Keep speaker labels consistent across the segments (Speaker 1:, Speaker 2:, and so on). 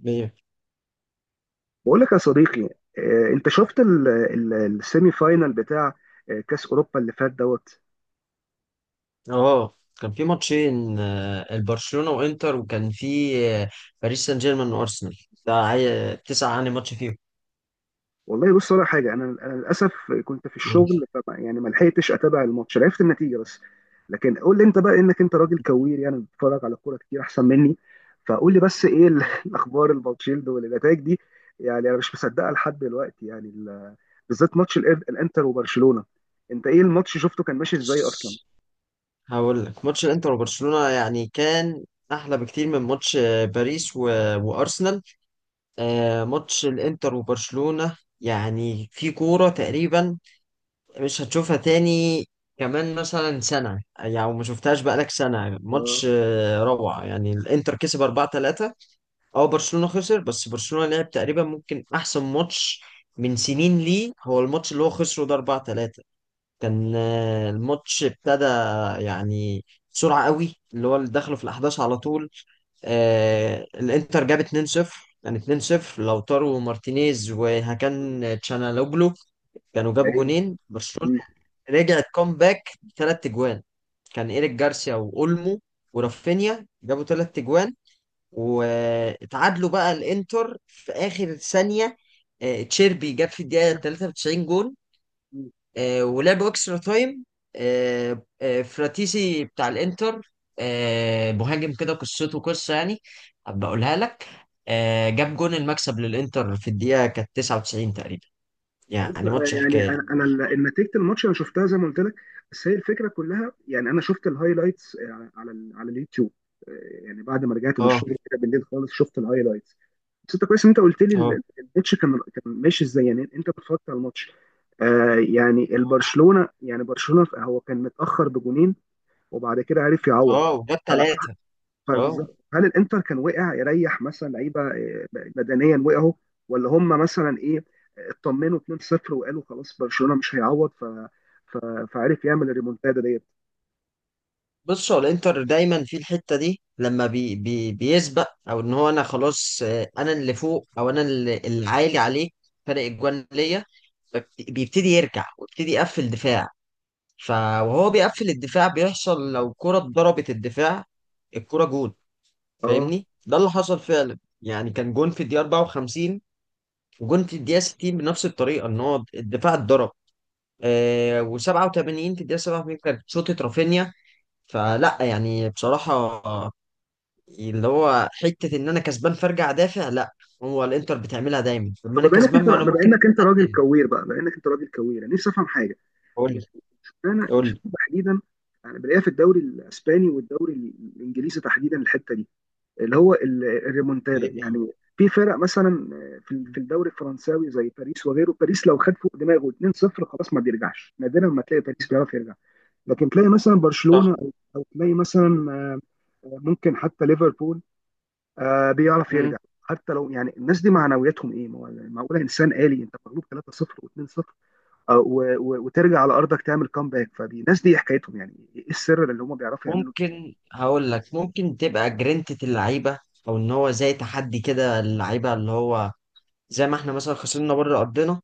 Speaker 1: مية.
Speaker 2: بقول لك يا صديقي. انت شفت السيمي فاينال بتاع كاس اوروبا اللي فات دوت.
Speaker 1: اه، كان في ماتشين، البرشلونة وانتر، وكان في باريس سان جيرمان وارسنال. ده تسعة عن ماتش فيهم.
Speaker 2: والله بص، ولا حاجه، انا للاسف كنت في
Speaker 1: قول.
Speaker 2: الشغل، فما يعني ما لحقتش اتابع الماتش، عرفت النتيجه بس. لكن قول لي انت بقى، انك انت راجل كوير يعني، بتتفرج على كوره كتير احسن مني، فقول لي بس ايه الاخبار الباتشيلد والنتائج دي؟ يعني انا مش مصدقها لحد دلوقتي، يعني بالذات ماتش الانتر وبرشلونه. انت ايه، الماتش شفته كان ماشي ازاي اصلا؟
Speaker 1: هقول لك، ماتش الانتر وبرشلونة يعني كان احلى بكتير من ماتش باريس و... وارسنال. ماتش الانتر وبرشلونة يعني في كورة تقريبا مش هتشوفها تاني، كمان مثلا سنة. يعني ما شفتهاش بقالك سنة،
Speaker 2: اه،
Speaker 1: ماتش روعة. يعني الانتر كسب 4-3. اه، برشلونة خسر، بس برشلونة لعب تقريبا ممكن احسن ماتش من سنين. ليه؟ هو الماتش اللي هو خسره ده 4 3، كان الماتش ابتدى يعني بسرعة قوي، اللي هو اللي دخله في الاحداث على طول. آه الانتر جاب 2-0، يعني 2-0 لوتارو مارتينيز وهاكان تشانالوجلو، كانوا جابوا
Speaker 2: يا
Speaker 1: جونين. برشلونة
Speaker 2: عيني.
Speaker 1: رجعت كومباك بـ3 اجوان، كان ايريك جارسيا واولمو ورافينيا جابوا 3 اجوان، واتعادلوا بقى الانتر في اخر ثانيه. تشيربي جاب في الدقيقه 93 جون. ولعبوا اكسترا تايم. فراتيسي بتاع الانتر، مهاجم كده قصته قصه، يعني هبقى اقولها لك. جاب جون المكسب للانتر في الدقيقه كانت 99 تقريبا.
Speaker 2: بص،
Speaker 1: يعني ماتش
Speaker 2: يعني
Speaker 1: حكايه.
Speaker 2: انا نتيجه الماتش انا شفتها زي ما قلت لك، بس هي الفكره كلها. يعني انا شفت الهايلايتس على على اليوتيوب. آه، يعني بعد ما رجعت من
Speaker 1: اه،
Speaker 2: الشغل كده بالليل خالص شفت الهايلايتس. بس انت كويس ان انت قلت لي
Speaker 1: اه،
Speaker 2: الماتش كان ماشي ازاي، يعني انت اتفرجت على الماتش. يعني
Speaker 1: اه،
Speaker 2: البرشلونه، يعني برشلونه هو كان متاخر بجونين، وبعد كده عرف يعوض.
Speaker 1: وجاب 3. اه،
Speaker 2: فبالظبط، هل الانتر كان وقع يريح مثلا لعيبه بدنيا وقعوا؟ ولا هم مثلا ايه، اطمنوا 2-0 وقالوا خلاص برشلونه مش هيعوض، ف... فعرف يعمل الريمونتادا ديت؟
Speaker 1: بص، هو الانتر دايما في الحته دي لما بي بي بيسبق، او ان هو، انا خلاص انا اللي فوق، او انا اللي عالي عليه فرق الجوان ليا، بيبتدي يرجع ويبتدي يقفل دفاع. فوهو بيقفل الدفاع، بيحصل لو كرة ضربت الدفاع الكرة جون.
Speaker 2: اه.
Speaker 1: فاهمني؟ ده اللي حصل فعلا، يعني كان جون في الدقيقة 54، وجون في الدقيقة 60 بنفس الطريقة، ان هو الدفاع اتضرب. آه و87 في الدقيقة 87 كانت شوطة رافينيا. فلا يعني بصراحة، اللي هو حتة إن أنا كسبان فأرجع أدافع، لا. هو الإنتر بتعملها دايما، لما أنا
Speaker 2: طب، بما انك
Speaker 1: كسبان
Speaker 2: انت
Speaker 1: ما أنا
Speaker 2: بما
Speaker 1: ممكن
Speaker 2: انك انت راجل
Speaker 1: أقدم.
Speaker 2: كوير بقى، بما انك انت راجل كوير انا نفسي افهم حاجه
Speaker 1: قول
Speaker 2: يعني.
Speaker 1: لي.
Speaker 2: اشمعنى
Speaker 1: قول لي
Speaker 2: اشمعنى تحديدا انا بلاقيها في الدوري الاسباني والدوري الانجليزي تحديدا؟ الحته دي، اللي هو الريمونتادا
Speaker 1: إيه؟
Speaker 2: يعني. في فرق مثلا، في
Speaker 1: هي؟
Speaker 2: في الدوري الفرنساوي زي باريس وغيره، باريس لو خد فوق دماغه 2-0 خلاص، ما بيرجعش، نادرا ما تلاقي باريس بيعرف يرجع. لكن تلاقي مثلا
Speaker 1: صح.
Speaker 2: برشلونة، او تلاقي مثلا ممكن حتى ليفربول بيعرف
Speaker 1: مم.
Speaker 2: يرجع. حتى لو يعني، الناس دي معنوياتهم ايه؟ ما هو معقوله انسان آلي؟ انت مغلوب 3-0 و2-0، وترجع على ارضك تعمل كامباك. فالناس دي حكايتهم يعني ايه؟ السر اللي هم بيعرفوا يعملوا؟
Speaker 1: ممكن، هقول لك، ممكن تبقى جرينتة اللعيبة، أو إن هو زي تحدي كده اللعيبة، اللي هو زي ما إحنا مثلا خسرنا بره أرضنا،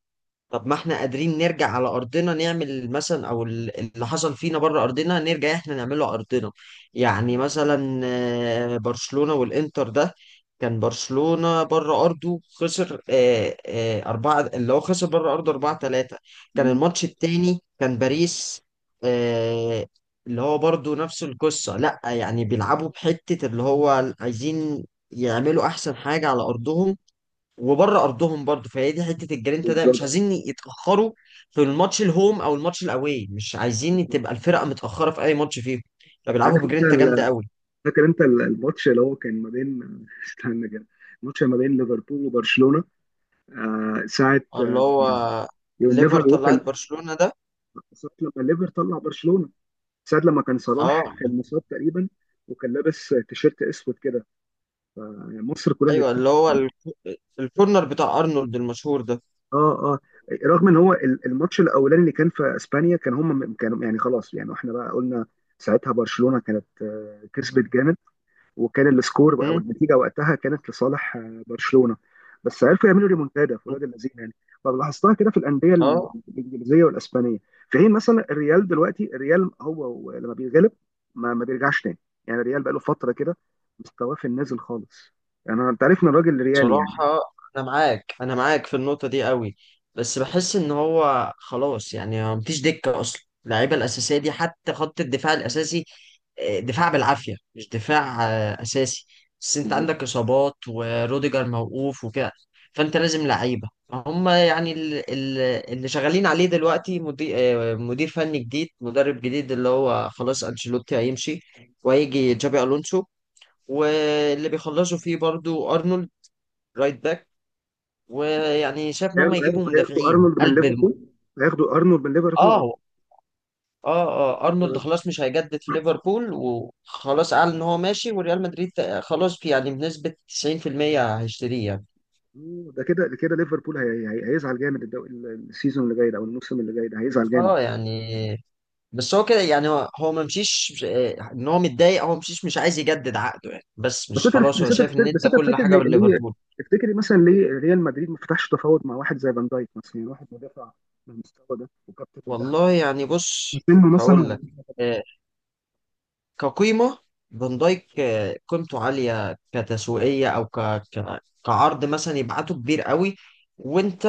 Speaker 1: طب ما احنا قادرين نرجع على ارضنا نعمل مثلا، او اللي حصل فينا بره ارضنا نرجع احنا نعمله على ارضنا. يعني مثلا برشلونة والانتر ده، كان برشلونة بره ارضه خسر اربعة، اللي هو خسر بره ارضه 4 3. كان
Speaker 2: مم.
Speaker 1: الماتش التاني كان باريس، آه، اللي هو برضه نفس القصة. لا يعني بيلعبوا بحتة اللي هو عايزين يعملوا احسن حاجة على ارضهم وبره ارضهم برضه. فهي دي حته الجرينتا ده، مش
Speaker 2: بالظبط.
Speaker 1: عايزين يتاخروا في الماتش الهوم او الماتش الاواي، مش عايزين تبقى
Speaker 2: بالظبط.
Speaker 1: الفرقه متاخره في اي ماتش فيهم. فبيلعبوا
Speaker 2: عارف انت،
Speaker 1: بجرينتا جامده قوي.
Speaker 2: فاكر انت الماتش اللي هو كان ما بين؟ استنى كده، الماتش ما بين ليفربول وبرشلونه. ساعه،
Speaker 1: اللي هو
Speaker 2: يو
Speaker 1: ليفر
Speaker 2: نيفر ووك،
Speaker 1: طلعت برشلونه ده.
Speaker 2: ساعه لما ليفر طلع برشلونه، ساعه لما كان صلاح
Speaker 1: اه.
Speaker 2: كان مصاب تقريبا وكان لابس تيشيرت اسود كده، مصر كلها اللي
Speaker 1: ايوه، اللي
Speaker 2: بتحط.
Speaker 1: هو الكورنر بتاع ارنولد المشهور ده.
Speaker 2: اه، اه. رغم ان هو الماتش الاولاني اللي كان في اسبانيا كان هم كانوا يعني خلاص، يعني احنا بقى قلنا ساعتها برشلونه كانت كسبت جامد، وكان السكور او
Speaker 1: م-
Speaker 2: النتيجه وقتها كانت لصالح برشلونه، بس عرفوا يعملوا ريمونتادا في
Speaker 1: م-
Speaker 2: ولاد اللذين يعني. فلاحظتها كده في الانديه
Speaker 1: اه
Speaker 2: الانجليزيه والاسبانيه. في حين مثلا الريال، دلوقتي الريال هو لما بيغلب ما بيرجعش تاني. يعني الريال بقى له فتره كده مستواه في النازل خالص، يعني انا، انت عارف ان الراجل ريالي يعني.
Speaker 1: بصراحة، أنا معاك، أنا معاك في النقطة دي قوي. بس بحس إن هو خلاص، يعني ما مفيش دكة أصلا، اللعيبة الأساسية دي حتى خط الدفاع الأساسي، دفاع بالعافية مش دفاع أساسي. بس أنت عندك إصابات، وروديجر موقوف وكده، فأنت لازم لعيبة. هم يعني اللي شغالين عليه دلوقتي مدير، مدير فني جديد، مدرب جديد، اللي هو خلاص أنشيلوتي هيمشي، وهيجي جابي ألونسو. واللي بيخلصوا فيه برضو أرنولد رايت باك، ويعني شايف ان هم
Speaker 2: هياخدوا
Speaker 1: يجيبوا
Speaker 2: هياخدوا- هياخدوا
Speaker 1: مدافعين
Speaker 2: ارنولد من
Speaker 1: قلب
Speaker 2: ليفربول، هياخدوا ارنولد من
Speaker 1: اه
Speaker 2: ليفربول.
Speaker 1: هو- اه، اه، ارنولد خلاص مش هيجدد في ليفربول، وخلاص اعلن ان هو ماشي، وريال مدريد خلاص في يعني بنسبة 90% هيشتريه يعني.
Speaker 2: ده كده، ده كده ليفربول هيزعل جامد، السيزون اللي جاي ده، او الموسم اللي جاي ده هيزعل جامد.
Speaker 1: اه يعني، بس هو كده يعني، هو ما مشيش ان هو متضايق، هو مشيش، مش عايز يجدد عقده يعني، بس
Speaker 2: بس
Speaker 1: مش
Speaker 2: انت
Speaker 1: خلاص. هو
Speaker 2: بس انت
Speaker 1: شايف ان
Speaker 2: بس
Speaker 1: ده
Speaker 2: انت
Speaker 1: كل
Speaker 2: فاكر
Speaker 1: حاجة
Speaker 2: ليه؟
Speaker 1: بالليفربول.
Speaker 2: تفتكري مثلا ليه ريال مدريد ما فتحش تفاوض مع واحد زي فان دايك مثلا؟ يعني واحد مدافع بالمستوى ده، وكابتن منتخب
Speaker 1: والله يعني
Speaker 2: في
Speaker 1: بص،
Speaker 2: سنه
Speaker 1: هقول
Speaker 2: مثلا.
Speaker 1: لك، آه، كقيمة، فان دايك قيمته عالية كتسويقية، أو كعرض مثلا يبعته كبير قوي. وأنت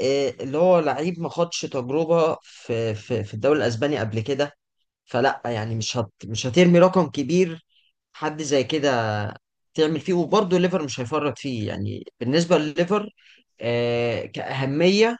Speaker 1: اللي هو لعيب ما خدش تجربة في الدوري الأسباني قبل كده، فلا يعني مش هترمي رقم كبير حد زي كده تعمل فيه. وبرضه ليفر مش هيفرط فيه، يعني بالنسبة لليفر كأهمية،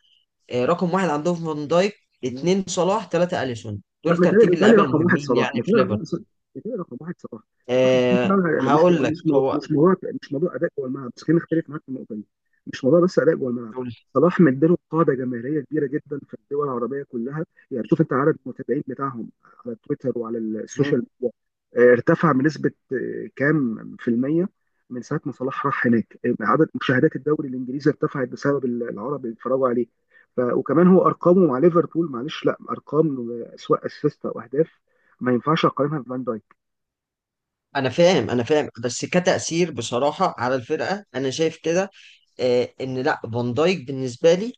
Speaker 1: رقم واحد عندهم فان دايك، اتنين صلاح، تلاتة أليسون.
Speaker 2: لا،
Speaker 1: دول
Speaker 2: متهيألي
Speaker 1: ترتيب
Speaker 2: متهيألي
Speaker 1: اللعيبة
Speaker 2: رقم واحد
Speaker 1: المهمين
Speaker 2: صلاح،
Speaker 1: يعني في
Speaker 2: متهيألي.
Speaker 1: ليفر.
Speaker 2: لا، متهيألي رقم واحد صلاح.
Speaker 1: أه هقول لك هو.
Speaker 2: مش موضوع. مش موضوع اداء جوه الملعب بس، خلينا نختلف معاك في النقطه دي. مش موضوع بس اداء جوه الملعب.
Speaker 1: قول.
Speaker 2: صلاح مديله قاعده جماهيريه كبيره جدا في الدول العربيه كلها، يعني شوف انت عدد المتابعين بتاعهم على تويتر وعلى
Speaker 1: مم.
Speaker 2: السوشيال ميديا ارتفع بنسبه كام في الميه من ساعه ما صلاح راح هناك. عدد مشاهدات الدوري الانجليزي ارتفعت بسبب العرب اللي اتفرجوا عليه. وكمان هو ارقامه مع ليفربول، معلش، لا ارقام، سواء اسيست او اهداف، ما ينفعش اقارنها بفان دايك.
Speaker 1: انا فاهم، انا فاهم، بس كتأثير بصراحة على الفرقة انا شايف كده، أه ان لا، فان دايك بالنسبة لي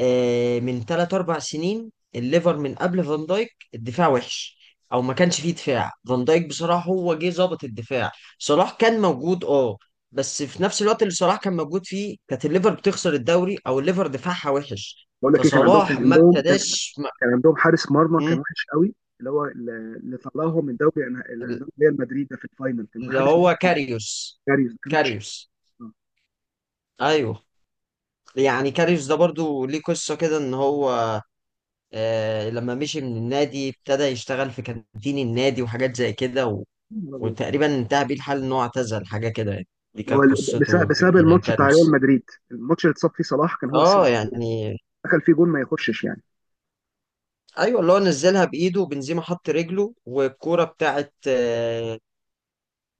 Speaker 1: أه، من 3 4 سنين الليفر، من قبل فان دايك الدفاع وحش، او ما كانش فيه دفاع. فان دايك بصراحة هو جه ظابط الدفاع. صلاح كان موجود، اه، بس في نفس الوقت اللي صلاح كان موجود فيه كانت الليفر بتخسر الدوري، او الليفر دفاعها وحش،
Speaker 2: بقول لك ايه، كان عندهم كان
Speaker 1: فصلاح ما
Speaker 2: عندهم كان
Speaker 1: ابتداش ما...
Speaker 2: كان عندهم حارس مرمى كان
Speaker 1: مم.
Speaker 2: وحش قوي، اللي هو اللي طلعهم من دوري اللي قدام ريال مدريد ده في الفاينل، كان
Speaker 1: اللي
Speaker 2: حارس.
Speaker 1: هو كاريوس.
Speaker 2: كاريوس كان وحش
Speaker 1: كاريوس.
Speaker 2: قوي. آه.
Speaker 1: ايوه، يعني كاريوس ده برضو ليه قصة كده، ان هو آه لما مشي من النادي ابتدى يشتغل في كانتين النادي وحاجات زي كده،
Speaker 2: يا نهار أبيض.
Speaker 1: وتقريبا انتهى بيه الحال ان هو اعتزل حاجة كده يعني. دي كانت
Speaker 2: هو بسبب
Speaker 1: قصته في
Speaker 2: بسبب الماتش بتاع ريال
Speaker 1: كاريوس.
Speaker 2: مدريد، الماتش اللي اتصاب فيه صلاح كان هو
Speaker 1: اه
Speaker 2: السبب.
Speaker 1: يعني.
Speaker 2: دخل فيه جون ما يخشش يعني.
Speaker 1: ايوه، اللي هو نزلها بايده بنزيما، حط رجله، والكورة بتاعت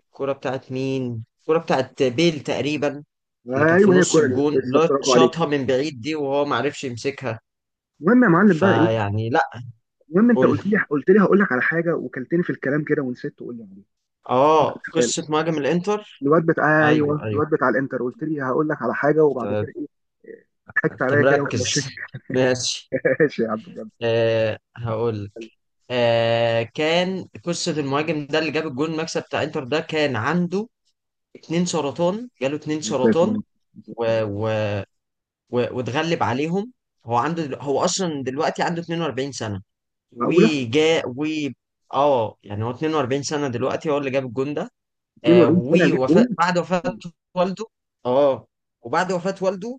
Speaker 1: الكورة بتاعت مين؟ الكورة بتاعت بيل تقريبا، اللي كانت في
Speaker 2: ايوه، هي
Speaker 1: نص
Speaker 2: الكوره دي
Speaker 1: الجون اللي
Speaker 2: بالظبط،
Speaker 1: هو
Speaker 2: برافو عليك.
Speaker 1: شاطها من بعيد دي، وهو ما عرفش يمسكها.
Speaker 2: المهم يا معلم بقى ايه،
Speaker 1: فيعني لا.
Speaker 2: المهم انت
Speaker 1: قول لي.
Speaker 2: قلت لي، هقول لك على حاجه، وكلتني في الكلام كده ونسيت تقول لي.
Speaker 1: اه، قصة مهاجم الانتر.
Speaker 2: الواد بتاع،
Speaker 1: ايوه،
Speaker 2: ايوه
Speaker 1: ايوه.
Speaker 2: الواد بتاع الانتر، قلت لي هقول لك على حاجه وبعد
Speaker 1: انت
Speaker 2: كده ايه؟ ضحكت
Speaker 1: أنت
Speaker 2: عليا كده ومشيت.
Speaker 1: مركز ماشي.
Speaker 2: ماشي يا عم بجد.
Speaker 1: آه هقول لك. آه كان قصة المهاجم ده اللي جاب الجول المكسب بتاع انتر ده، كان عنده 2 سرطان، جاله اتنين
Speaker 2: مسافر،
Speaker 1: سرطان
Speaker 2: مسافر.
Speaker 1: و... و... واتغلب عليهم. هو عنده هو اصلا دلوقتي عنده 42 سنة،
Speaker 2: معقوله
Speaker 1: وجا و اه يعني، هو 42 سنة دلوقتي هو اللي جاب الجول ده. آه
Speaker 2: 42 سنه اجيب
Speaker 1: ووفاة
Speaker 2: جول؟
Speaker 1: بعد وفاة والده. اه، وبعد وفاة والده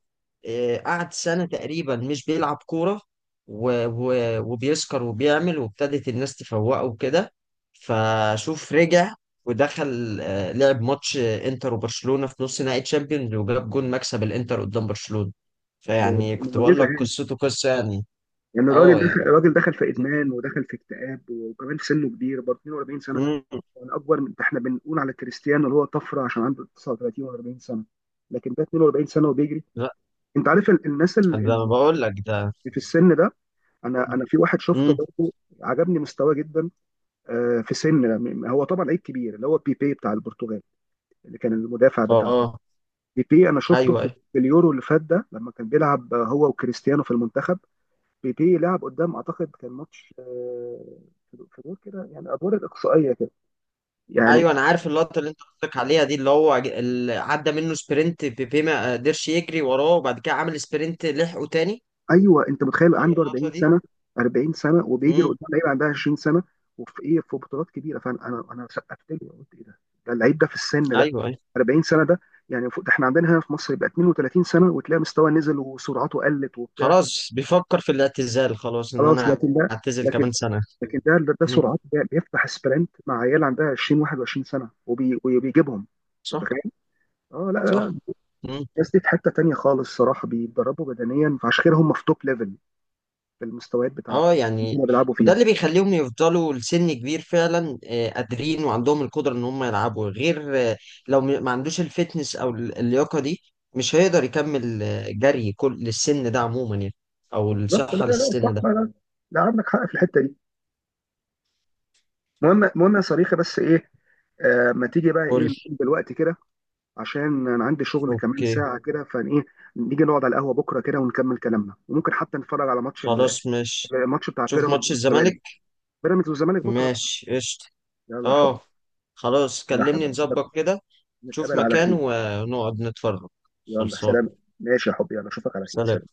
Speaker 1: آه قعد سنة تقريبا مش بيلعب كورة، و... و... وبيسكر وبيعمل، وابتدت الناس تفوقه وكده. فشوف رجع، ودخل آه لعب ماتش انتر وبرشلونة في نص نهائي تشامبيونز، وجاب جون مكسب الانتر قدام برشلونة.
Speaker 2: ده
Speaker 1: فيعني
Speaker 2: ده
Speaker 1: كنت بقول
Speaker 2: معجزه
Speaker 1: لك
Speaker 2: يعني.
Speaker 1: قصته قصة يعني.
Speaker 2: يعني الراجل
Speaker 1: اه
Speaker 2: دخل،
Speaker 1: يعني.
Speaker 2: في ادمان ودخل في اكتئاب، وكمان في سنه كبير برضه، 42 سنه ده.
Speaker 1: مم.
Speaker 2: يعني اكبر من ده، احنا بنقول على كريستيانو اللي هو طفره عشان عنده 39 و40 سنه، لكن ده 42 سنه وبيجري.
Speaker 1: لا،
Speaker 2: انت عارف الناس
Speaker 1: ده انا
Speaker 2: اللي
Speaker 1: بقول لك ده.
Speaker 2: في السن ده؟ انا في واحد شفته
Speaker 1: مم.
Speaker 2: برضه عجبني مستواه جدا في سن، هو طبعا لعيب كبير، اللي هو بيبي بتاع البرتغال، اللي كان المدافع
Speaker 1: اه.
Speaker 2: بتاعنا.
Speaker 1: آه.
Speaker 2: بيبي انا شفته
Speaker 1: ايوه،
Speaker 2: في
Speaker 1: أيوه.
Speaker 2: في اليورو اللي فات ده، لما كان بيلعب هو وكريستيانو في المنتخب. بيبي لعب قدام، اعتقد كان ماتش في دور كده، يعني ادوار الاقصائيه كده يعني.
Speaker 1: ايوه، انا عارف اللقطه اللي انت قصدك عليها دي، اللي هو اللي عدى منه سبرنت بيبي ما قدرش يجري وراه، وبعد كده عمل سبرنت لحقه تاني.
Speaker 2: ايوه، انت متخيل
Speaker 1: هي
Speaker 2: عنده
Speaker 1: اللقطه
Speaker 2: 40
Speaker 1: دي.
Speaker 2: سنه؟ 40 سنه وبيجري
Speaker 1: امم.
Speaker 2: قدام لعيب عندها 20 سنه، وفي ايه؟ في بطولات كبيره! فانا انا انا سقفت له قلت ايه ده؟ ده اللعيب ده في السن ده،
Speaker 1: ايوه، ايوه.
Speaker 2: 40 سنه ده! يعني فوق ده احنا عندنا هنا في مصر يبقى 32 سنه وتلاقي مستوى نزل وسرعته قلت وبتاع
Speaker 1: خلاص بيفكر في الاعتزال، خلاص، ان
Speaker 2: خلاص.
Speaker 1: انا
Speaker 2: لكن ده،
Speaker 1: اعتزل
Speaker 2: لكن
Speaker 1: كمان سنه.
Speaker 2: لكن ده،
Speaker 1: امم.
Speaker 2: سرعته ده بيفتح سبرنت مع عيال عندها 20، 21 سنه، وبيجيبهم. انت
Speaker 1: صح،
Speaker 2: متخيل؟ اه، لا، لا، لا.
Speaker 1: صح. مم.
Speaker 2: الناس دي في حته تانيه خالص صراحه، بيتدربوا بدنيا، فعشان كده هم في توب ليفل في المستويات بتاعت
Speaker 1: اه
Speaker 2: اللي
Speaker 1: يعني،
Speaker 2: هم بيلعبوا
Speaker 1: وده
Speaker 2: فيها.
Speaker 1: اللي بيخليهم يفضلوا لسن كبير فعلا، قادرين وعندهم القدرة ان هم يلعبوا. غير لو ما عندوش الفتنس او اللياقة دي مش هيقدر يكمل جري كل للسن ده عموما يعني، او
Speaker 2: بالظبط. لا،
Speaker 1: الصحة
Speaker 2: لا، لا. صح.
Speaker 1: للسن ده.
Speaker 2: لا، لا. لا، عندك حق في الحته دي. مهم، مهم يا صريخه، بس ايه، ما تيجي بقى
Speaker 1: قول.
Speaker 2: ايه، نقوم دلوقتي كده عشان انا عندي شغل كمان
Speaker 1: اوكي،
Speaker 2: ساعه كده؟ فايه، نيجي نقعد على القهوه بكره كده ونكمل كلامنا، وممكن حتى نتفرج على ماتش
Speaker 1: خلاص ماشي.
Speaker 2: الماتش بتاع
Speaker 1: تشوف ماتش
Speaker 2: بيراميدز والزمالك،
Speaker 1: الزمالك.
Speaker 2: بيراميدز والزمالك بكره بقى.
Speaker 1: ماشي، قشطة.
Speaker 2: يلا يا حبيبي.
Speaker 1: اه، خلاص،
Speaker 2: يلا يا
Speaker 1: كلمني
Speaker 2: حبيبي،
Speaker 1: نظبط كده. تشوف
Speaker 2: نتقابل على
Speaker 1: مكان
Speaker 2: خير.
Speaker 1: ونقعد نتفرج.
Speaker 2: يلا
Speaker 1: خلصان.
Speaker 2: سلام. ماشي يا حبيبي، يلا اشوفك على خير،
Speaker 1: سلام.
Speaker 2: سلام.